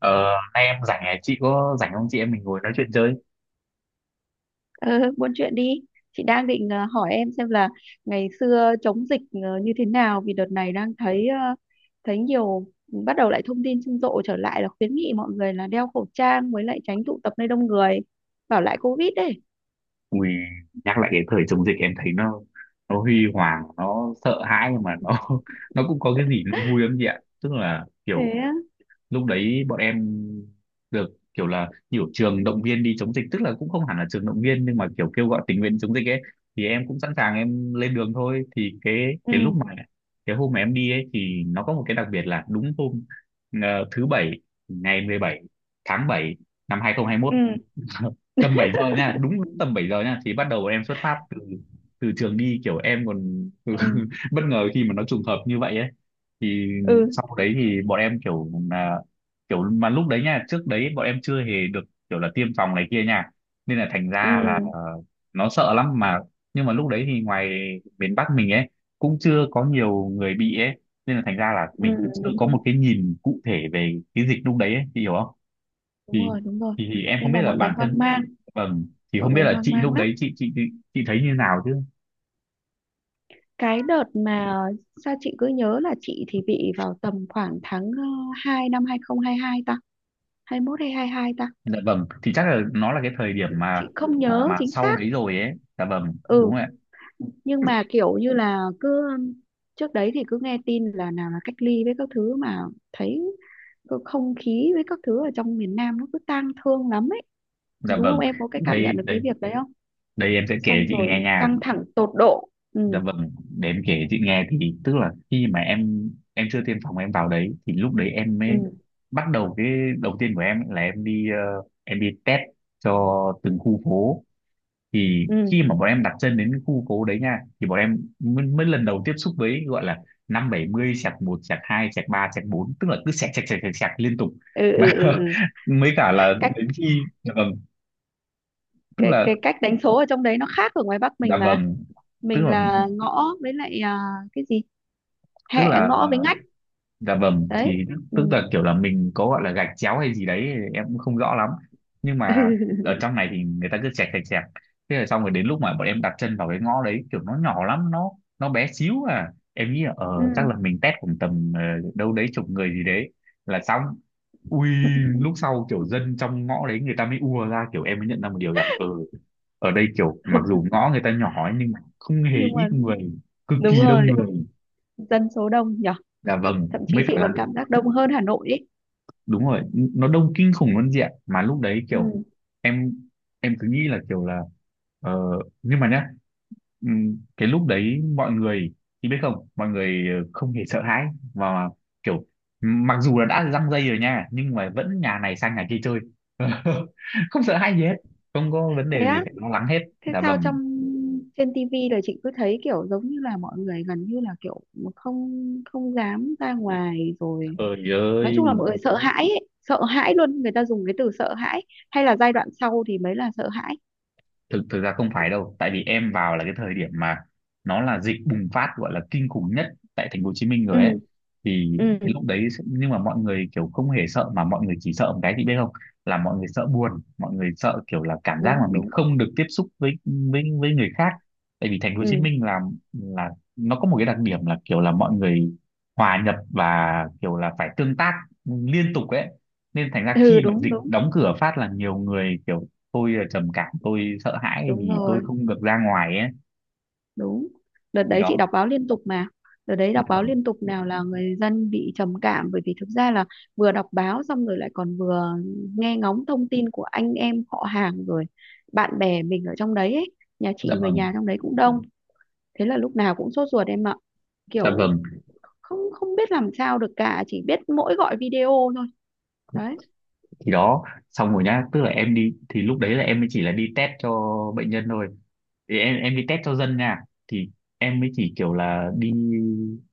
Ờ, Nay em rảnh à? Chị có rảnh không, chị em mình ngồi nói chuyện chơi? Ừ, buôn chuyện đi. Chị đang định hỏi em xem là ngày xưa chống dịch như thế nào, vì đợt này đang thấy nhiều, ừ, bắt đầu lại thông tin rầm rộ trở lại, là khuyến nghị mọi người là đeo khẩu trang với lại tránh tụ tập nơi đông người, bảo lại Covid đấy. Ui, nhắc lại cái thời chống dịch em thấy nó huy hoàng, nó sợ hãi nhưng mà nó nó cũng có cái gì nó vui lắm chị ạ. Tức là Thế kiểu á? lúc đấy bọn em được kiểu là nhiều trường động viên đi chống dịch, tức là cũng không hẳn là trường động viên nhưng mà kiểu kêu gọi tình nguyện chống dịch ấy, thì em cũng sẵn sàng em lên đường thôi, thì cái lúc mà Ừ, cái hôm mà em đi ấy thì nó có một cái đặc biệt là đúng hôm thứ bảy, ngày 17 tháng 7 năm 2021. ừ, Tầm 7 giờ nha, đúng tầm 7 giờ nha, thì bắt đầu bọn em xuất phát từ từ trường đi, kiểu em còn ừ, bất ngờ khi mà nó trùng hợp như vậy ấy. Thì ừ, sau đấy thì bọn em kiểu là kiểu mà lúc đấy nha, trước đấy bọn em chưa hề được kiểu là tiêm phòng này kia nha, nên là thành ừ, ra là nó sợ lắm mà. Nhưng mà lúc đấy thì ngoài miền Bắc mình ấy cũng chưa có nhiều người bị ấy, nên là thành ra là ừ, mình cũng chưa đúng có đúng, một cái nhìn cụ thể về cái dịch lúc đấy ấy, chị hiểu không? đúng Thì rồi đúng rồi. thì em không Nên biết là mọi là người bản hoang thân, mang, vâng, thì mọi không biết người là hoang chị mang lúc lắm. đấy chị thấy như nào chứ. Cái đợt mà sao chị cứ nhớ là chị thì bị vào tầm khoảng tháng hai, năm 2022 ta, 21 hay 22 ta, Dạ vâng, thì chắc là nó là cái thời điểm mà chị không nhớ mà chính sau xác. đấy rồi ấy. Dạ vâng, đúng Ừ, rồi ạ. nhưng mà kiểu như là cứ trước đấy thì cứ nghe tin là nào là cách ly với các thứ, mà thấy cái không khí với các thứ ở trong miền Nam nó cứ tang thương lắm ấy, Dạ đúng không, vâng, em có cái cảm đây nhận được cái đây việc đấy không, đây em sẽ kể xong chị nghe rồi nha. căng thẳng tột độ. Ừ, Dạ vâng, để em kể chị nghe, thì tức là khi mà em chưa tiêm phòng em vào đấy thì lúc đấy em ừ, mới bắt đầu cái đầu tiên của em là em đi, em đi test cho từng khu phố. Thì ừ, khi mà bọn em đặt chân đến cái khu phố đấy nha thì bọn em mới lần đầu tiếp xúc với gọi là năm bảy mươi sạc một sạc hai sạc ba sạc bốn, tức là cứ sạc sạc sạc sạc sạc liên tục ừ, mà ừ, ừ. Ừ. mới cả là cách đến khi, dạ vâng, tức là, cái cách đánh số ở trong đấy nó khác ở ngoài Bắc dạ mình mà, vâng, tức mình là, là ngõ với lại, à, cái gì, tức hẹ, là, ngõ với ngách dạ vâng, đấy. thì tức là kiểu là mình có gọi là gạch chéo hay gì đấy thì em cũng không rõ lắm. Nhưng Ừ. mà ở trong này thì người ta cứ chẹt chẹt chẹt, thế là xong. Rồi đến lúc mà bọn em đặt chân vào cái ngõ đấy kiểu nó nhỏ lắm, nó bé xíu à. Em nghĩ là ờ chắc Ừ. là mình test khoảng tầm đâu đấy chục người gì đấy là xong. Ui, lúc sau kiểu dân trong ngõ đấy người ta mới ùa ra, kiểu em mới nhận ra một điều rằng ờ ở đây kiểu mặc dù ngõ người ta nhỏ ấy, nhưng mà không hề Nhưng ít mà người, cực đúng kỳ rồi, đông người. dân số đông nhở, Dạ vâng, thậm chí mới cả chị là còn cảm giác đông hơn Hà Nội ấy. đúng rồi, nó đông kinh khủng luôn chị ạ. Mà lúc đấy Ừ. kiểu em em cứ nghĩ là kiểu là ờ, nhưng mà nhá, cái lúc đấy mọi người, thì biết không, mọi người không hề sợ hãi mà kiểu mặc dù là đã răng dây rồi nha nhưng mà vẫn nhà này sang nhà kia chơi. Không sợ hãi gì hết, không có vấn đề Thế gì á? phải lo lắng hết. Thế Dạ sao vâng, trong trên tivi là chị cứ thấy kiểu giống như là mọi người gần như là kiểu không không dám ra ngoài rồi, trời nói ơi, chung là mọi người sợ hãi ấy. Sợ hãi luôn, người ta dùng cái từ sợ hãi, hay là giai đoạn sau thì mới là sợ hãi. thực thực ra không phải đâu, tại vì em vào là cái thời điểm mà nó là dịch bùng phát gọi là kinh khủng nhất tại thành phố Hồ Chí Minh Ừ, rồi ấy. Thì ừ, cái lúc đấy sẽ- nhưng mà mọi người kiểu không hề sợ, mà mọi người chỉ sợ một cái, chị biết không, là mọi người sợ buồn, mọi người sợ kiểu là cảm giác đúng mà mình đúng, không được tiếp xúc với với người khác. Tại vì thành phố Hồ Chí ừ, Minh là nó có một cái đặc điểm là kiểu là mọi người hòa nhập và kiểu là phải tương tác liên tục ấy, nên thành ra khi ừ, mà đúng dịch đúng đóng cửa phát là nhiều người kiểu tôi là trầm cảm, tôi sợ hãi đúng vì tôi rồi, không được ra ngoài ấy. đúng, đợt Thì đấy chị đó, đọc báo liên tục mà, đợt đấy dạ đọc báo vâng, liên tục, nào là người dân bị trầm cảm, bởi vì thực ra là vừa đọc báo xong rồi lại còn vừa nghe ngóng thông tin của anh em họ hàng rồi bạn bè mình ở trong đấy ấy. Nhà dạ chị người vâng, nhà trong đấy cũng đông, thế là lúc nào cũng sốt ruột em ạ, dạ kiểu vâng, không không biết làm sao được cả, chỉ biết mỗi gọi video thôi đấy. thì đó. Xong rồi nhá, tức là em đi thì lúc đấy là em mới chỉ là đi test cho bệnh nhân thôi, thì em đi test cho dân nha. Thì em mới chỉ kiểu là đi,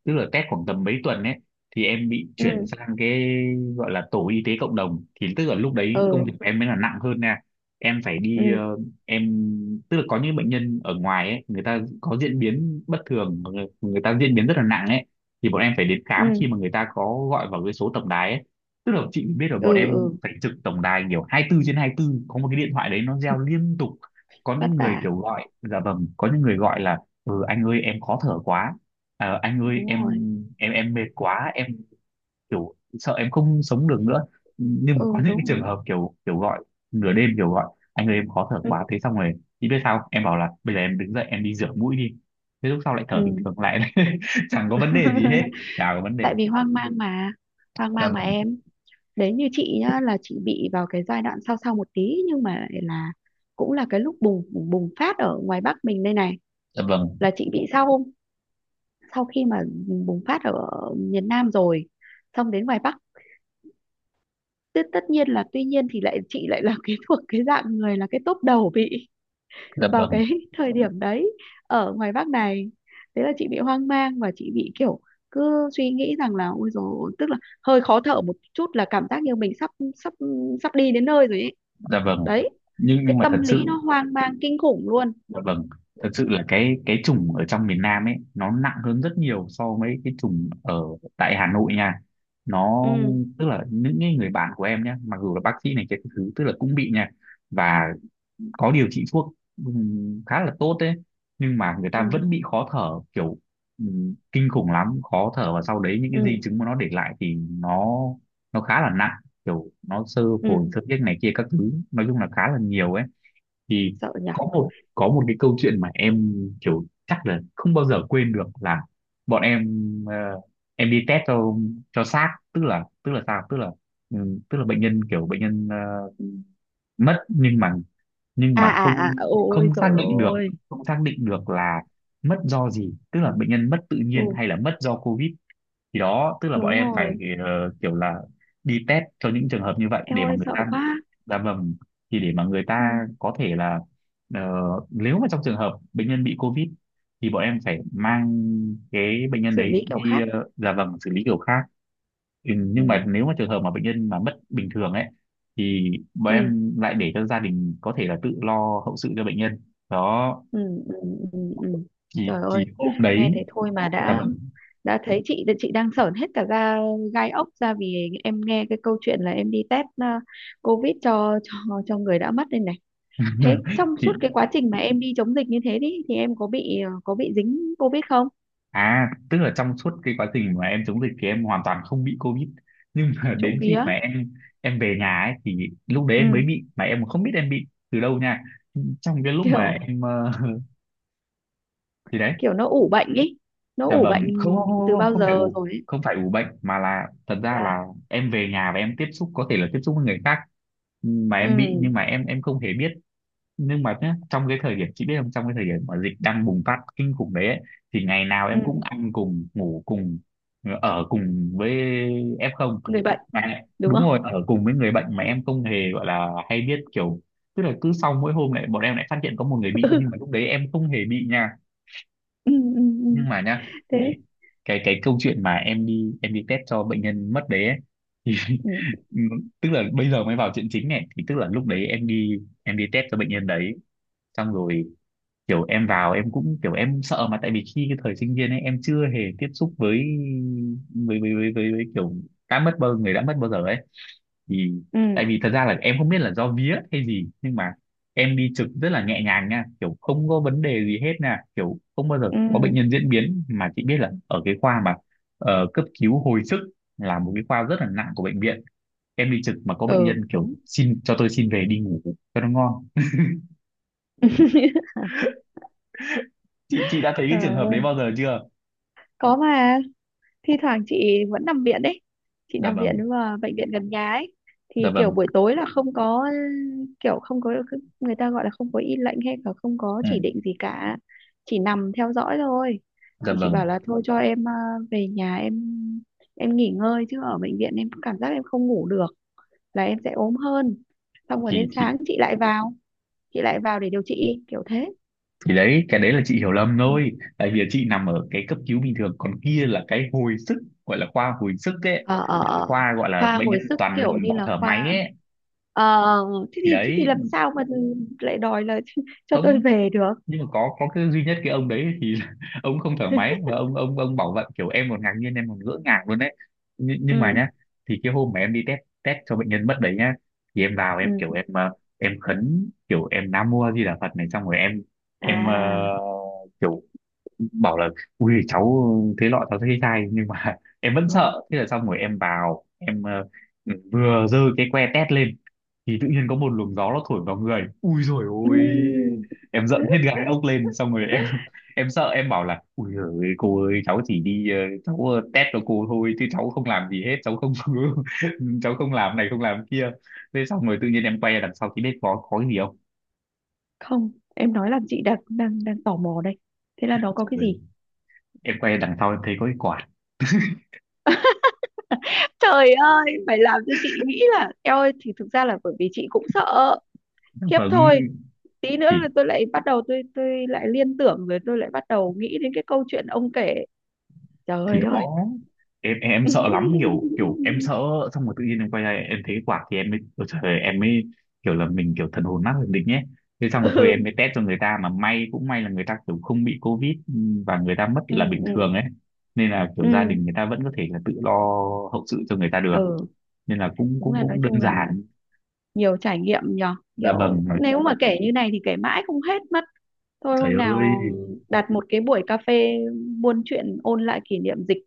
tức là test khoảng tầm mấy tuần ấy, thì em bị Ừ, chuyển sang cái gọi là tổ y tế cộng đồng. Thì tức là lúc đấy công ừ, việc của em mới là nặng hơn nha, em phải đi, ừ, em tức là có những bệnh nhân ở ngoài ấy người ta có diễn biến bất thường, người ta diễn biến rất là nặng ấy, thì bọn em phải đến khám ừ, khi mà người ta có gọi vào cái số tổng đài ấy. Tức là chị biết rồi, bọn ừ, em ừ. phải trực tổng đài kiểu 24 trên 24, có một cái điện thoại đấy nó reo liên tục. Có Vất những người vả. kiểu gọi, dạ vâng, có những người gọi là ừ anh ơi em khó thở quá. Anh ơi Đúng em rồi. em em mệt quá, em kiểu sợ em không sống được nữa. Nhưng mà có Ừ, những cái đúng trường đúng, hợp kiểu kiểu gọi nửa đêm, kiểu gọi anh ơi em khó thở ừ, quá, thế xong rồi chị biết sao không? Em bảo là bây giờ em đứng dậy em đi rửa mũi đi, thế lúc sau lại thở bình ừ. thường lại. Chẳng có vấn đề gì hết, chả có vấn đề. Tại vì hoang mang mà, hoang Dạ mang mà vâng, em. Đấy, như chị nhá, là chị bị vào cái giai đoạn sau sau một tí, nhưng mà lại là cũng là cái lúc bùng bùng phát ở ngoài Bắc mình đây này, dạ vâng, là chị bị sau sau khi mà bùng phát ở miền Nam rồi xong đến ngoài Bắc, tất tất nhiên là, tuy nhiên thì lại chị lại là cái thuộc cái dạng người là cái tốp đầu bị dạ vào vâng, cái thời điểm đấy ở ngoài Bắc này. Thế là chị bị hoang mang và chị bị kiểu cứ suy nghĩ rằng là, ôi dồi, tức là hơi khó thở một chút là cảm giác như mình sắp sắp sắp đi đến nơi rồi ấy. dạ vâng, Đấy, nhưng cái mà thật tâm lý nó sự. hoang mang kinh khủng luôn. Dạ vâng, thật sự là cái chủng ở trong miền Nam ấy nó nặng hơn rất nhiều so với cái chủng ở tại Hà Nội nha. Nó Ừ, tức là những cái người bạn của em nhé, mặc dù là bác sĩ này cái thứ, tức là cũng bị nha, và có điều trị thuốc khá là tốt đấy, nhưng mà người ừ, ta vẫn bị khó thở, kiểu kinh khủng lắm, khó thở, và sau đấy những cái ừ, di chứng mà nó để lại thì nó khá là nặng, kiểu nó sơ ừ, phổi xơ tiết này kia các thứ, nói chung là khá là nhiều ấy. Thì sợ nhở, có một cái câu chuyện mà em kiểu chắc là không bao giờ quên được là bọn em, ờ, em đi test cho xác, tức là tức là bệnh nhân, kiểu bệnh nhân mất nhưng à mà không à à ôi không xác rồi định được, ôi, không xác định được là mất do gì, tức là bệnh nhân mất tự nhiên ừ, hay là mất do covid. Thì đó, tức là bọn đúng em phải, rồi, kiểu là đi test cho những trường hợp như vậy em để mà ơi người sợ ta, quá. dạ vâng, thì để mà người ta Ừ. có thể là, ờ, nếu mà trong trường hợp bệnh nhân bị covid thì bọn em phải mang cái bệnh nhân Xử đấy lý kiểu đi, khác. Dạ vâng, xử lý kiểu khác. Ừ, nhưng Ừ, mà nếu mà trường hợp mà bệnh nhân mà mất bình thường ấy thì bọn ừ, em lại để cho gia đình có thể là tự lo hậu sự cho bệnh nhân. Đó, ừ, ừ, ừ, ừ. thì Trời ơi, hôm nghe đấy, thế thôi mà dạ đã vâng, đã thấy chị đang sởn hết cả da gai ốc ra, vì em nghe cái câu chuyện là em đi test COVID cho người đã mất đây này. Thế trong thì suốt cái quá trình mà em đi chống dịch như thế đi thì em có bị dính COVID không? à, tức là trong suốt cái quá trình mà em chống dịch thì em hoàn toàn không bị COVID. Nhưng mà Trộm đến khi vía. mà em về nhà ấy thì lúc đấy Ừ, em mới bị mà em không biết em bị từ đâu nha. Trong cái lúc mà kiểu em thì đấy, kiểu nó ủ bệnh ý. Nó dạ ủ bệnh vâng, không từ không không không bao không phải giờ ủ rồi ấy. không phải ủ bệnh mà là thật ra Dạ. là em về nhà và em tiếp xúc có thể là tiếp xúc với người khác mà Ừ, em bị nhưng mà em không hề biết. Nhưng mà nhá, trong cái thời điểm chị biết không, trong cái thời điểm mà dịch đang bùng phát kinh khủng đấy ấy, thì ngày nào ừ, em cũng ăn cùng, ngủ cùng, ở cùng với F0. người bệnh, Mà đúng đúng rồi, không? ở cùng với người bệnh mà em không hề gọi là hay biết, kiểu tức là cứ sau mỗi hôm lại bọn em lại phát hiện có một người bị, nhưng mà lúc đấy em không hề bị nha. Ừ, ừ, ừ. Nhưng mà nhá, cái Thế. cái câu chuyện mà em đi test cho bệnh nhân mất đấy ấy, thì Ừ. tức là bây giờ mới vào chuyện chính này. Thì tức là lúc đấy em đi test cho bệnh nhân đấy, xong rồi kiểu em vào em cũng kiểu em sợ. Mà tại vì khi cái thời sinh viên ấy em chưa hề tiếp xúc với với kiểu đã mất, bao người đã mất bao giờ ấy. Thì Ừ. tại vì thật ra là em không biết là do vía hay gì, nhưng mà em đi trực rất là nhẹ nhàng nha, kiểu không có vấn đề gì hết nha, kiểu không bao giờ Ừ, có bệnh nhân diễn biến. Mà chị biết là ở cái khoa mà cấp cứu hồi sức là một cái khoa rất là nặng của bệnh viện, em đi trực mà có bệnh ừ, nhân kiểu đúng. xin cho tôi xin về đi ngủ cho nó ngon. Chị đã thấy cái Trời trường hợp đấy ơi, bao giờ chưa? có mà thi thoảng chị vẫn nằm viện đấy, chị Dạ nằm viện vâng, nhưng mà bệnh viện gần nhà ấy, dạ thì vâng, kiểu buổi tối là không có, kiểu không có, người ta gọi là không có y lệnh, hay là không có chỉ ừ, định gì cả, chỉ nằm theo dõi thôi, dạ thì chị vâng. bảo là thôi cho em về nhà, em nghỉ ngơi chứ ở bệnh viện em cảm giác em không ngủ được, là em sẽ ốm hơn, xong rồi thì đến thì sáng chị lại vào, để điều trị kiểu thế. thì đấy, cái đấy là chị hiểu lầm thôi, tại vì chị nằm ở cái cấp cứu bình thường, còn kia là cái hồi sức, gọi là khoa hồi sức ấy. Ờ ờ Là cái ờ. khoa gọi là Khoa bệnh nhân hồi sức toàn kiểu nằm như và là thở máy khoa, ấy. ờ, thế thì Thì thế thì đấy, làm sao mà lại đòi là cho tôi không, về được. nhưng mà có cái duy nhất cái ông đấy thì ông không thở máy và ông bảo vậy, kiểu em còn ngạc nhiên, em còn ngỡ ngàng luôn đấy. Nhưng mà Ừ, nhá, thì cái hôm mà em đi test test cho bệnh nhân mất đấy nhá, thì em vào ừ, em kiểu em em khấn, kiểu em Nam Mô A Di Đà Phật này, xong rồi em à, kiểu bảo là ui cháu thế lọ, cháu thấy sai, nhưng mà em vẫn ừ. sợ. Thế là xong rồi em vào em vừa giơ cái que test lên thì tự nhiên có một luồng gió nó thổi vào người, ui rồi Ừ. ôi, em giận hết gáy ốc lên, xong rồi em em sợ, em bảo là ui giời cô ơi, cháu chỉ đi cháu test cho cô thôi chứ cháu không làm gì hết, cháu không cháu không làm này không làm kia. Thế xong rồi tự nhiên em quay ra đằng sau thì biết có cái gì không? Không, em nói làm chị đang đang đang tò mò đây, thế là nó có Xong cái rồi gì? em quay ra đằng sau em thấy có cái quạt. Trời ơi, phải làm cho chị nghĩ là eo ơi, thì thực ra là bởi vì chị cũng sợ Nó khiếp vâng, thôi. Tí nữa thì là tôi lại bắt đầu tôi lại liên tưởng, rồi tôi lại bắt đầu nghĩ đến cái câu chuyện ông kể. thì Trời ơi. đó, em sợ lắm, kiểu kiểu em sợ. Xong rồi tự nhiên em quay lại em thấy cái quạt thì em mới ôi trời ơi, em mới kiểu là mình kiểu thần hồn nát thần định nhé. Thế xong rồi thôi em Ừ, mới test cho người ta, mà may cũng may là người ta kiểu không bị covid, ừ, và người ta mất ừ, là bình ừ, thường ấy, nên là kiểu gia đình ừ, người ta vẫn có thể là tự lo hậu sự cho người ta được, ừ, nên là cũng đúng. Ừ, cũng là nói cũng chung đơn là giản. nhiều trải nghiệm nhờ, Dạ kiểu vâng nói, nếu, dạ mà vâng, kể như này thì kể mãi không hết mất, thôi trời hôm ơi, nào đặt một cái buổi cà phê buôn chuyện ôn lại kỷ niệm dịch,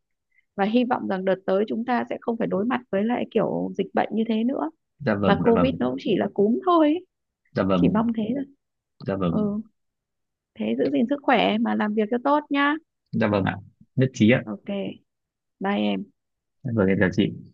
và hy vọng rằng đợt tới chúng ta sẽ không phải đối mặt với lại kiểu dịch bệnh như thế nữa, dạ và vâng, dạ covid vâng, nó cũng chỉ là cúm thôi ấy. dạ Chỉ vâng, mong thế thôi. dạ vâng, Ừ, thế giữ gìn sức khỏe mà làm việc cho tốt nhá. dạ vâng ạ. Nhất trí ạ. OK, bye em. Dạ vâng, em chào chị.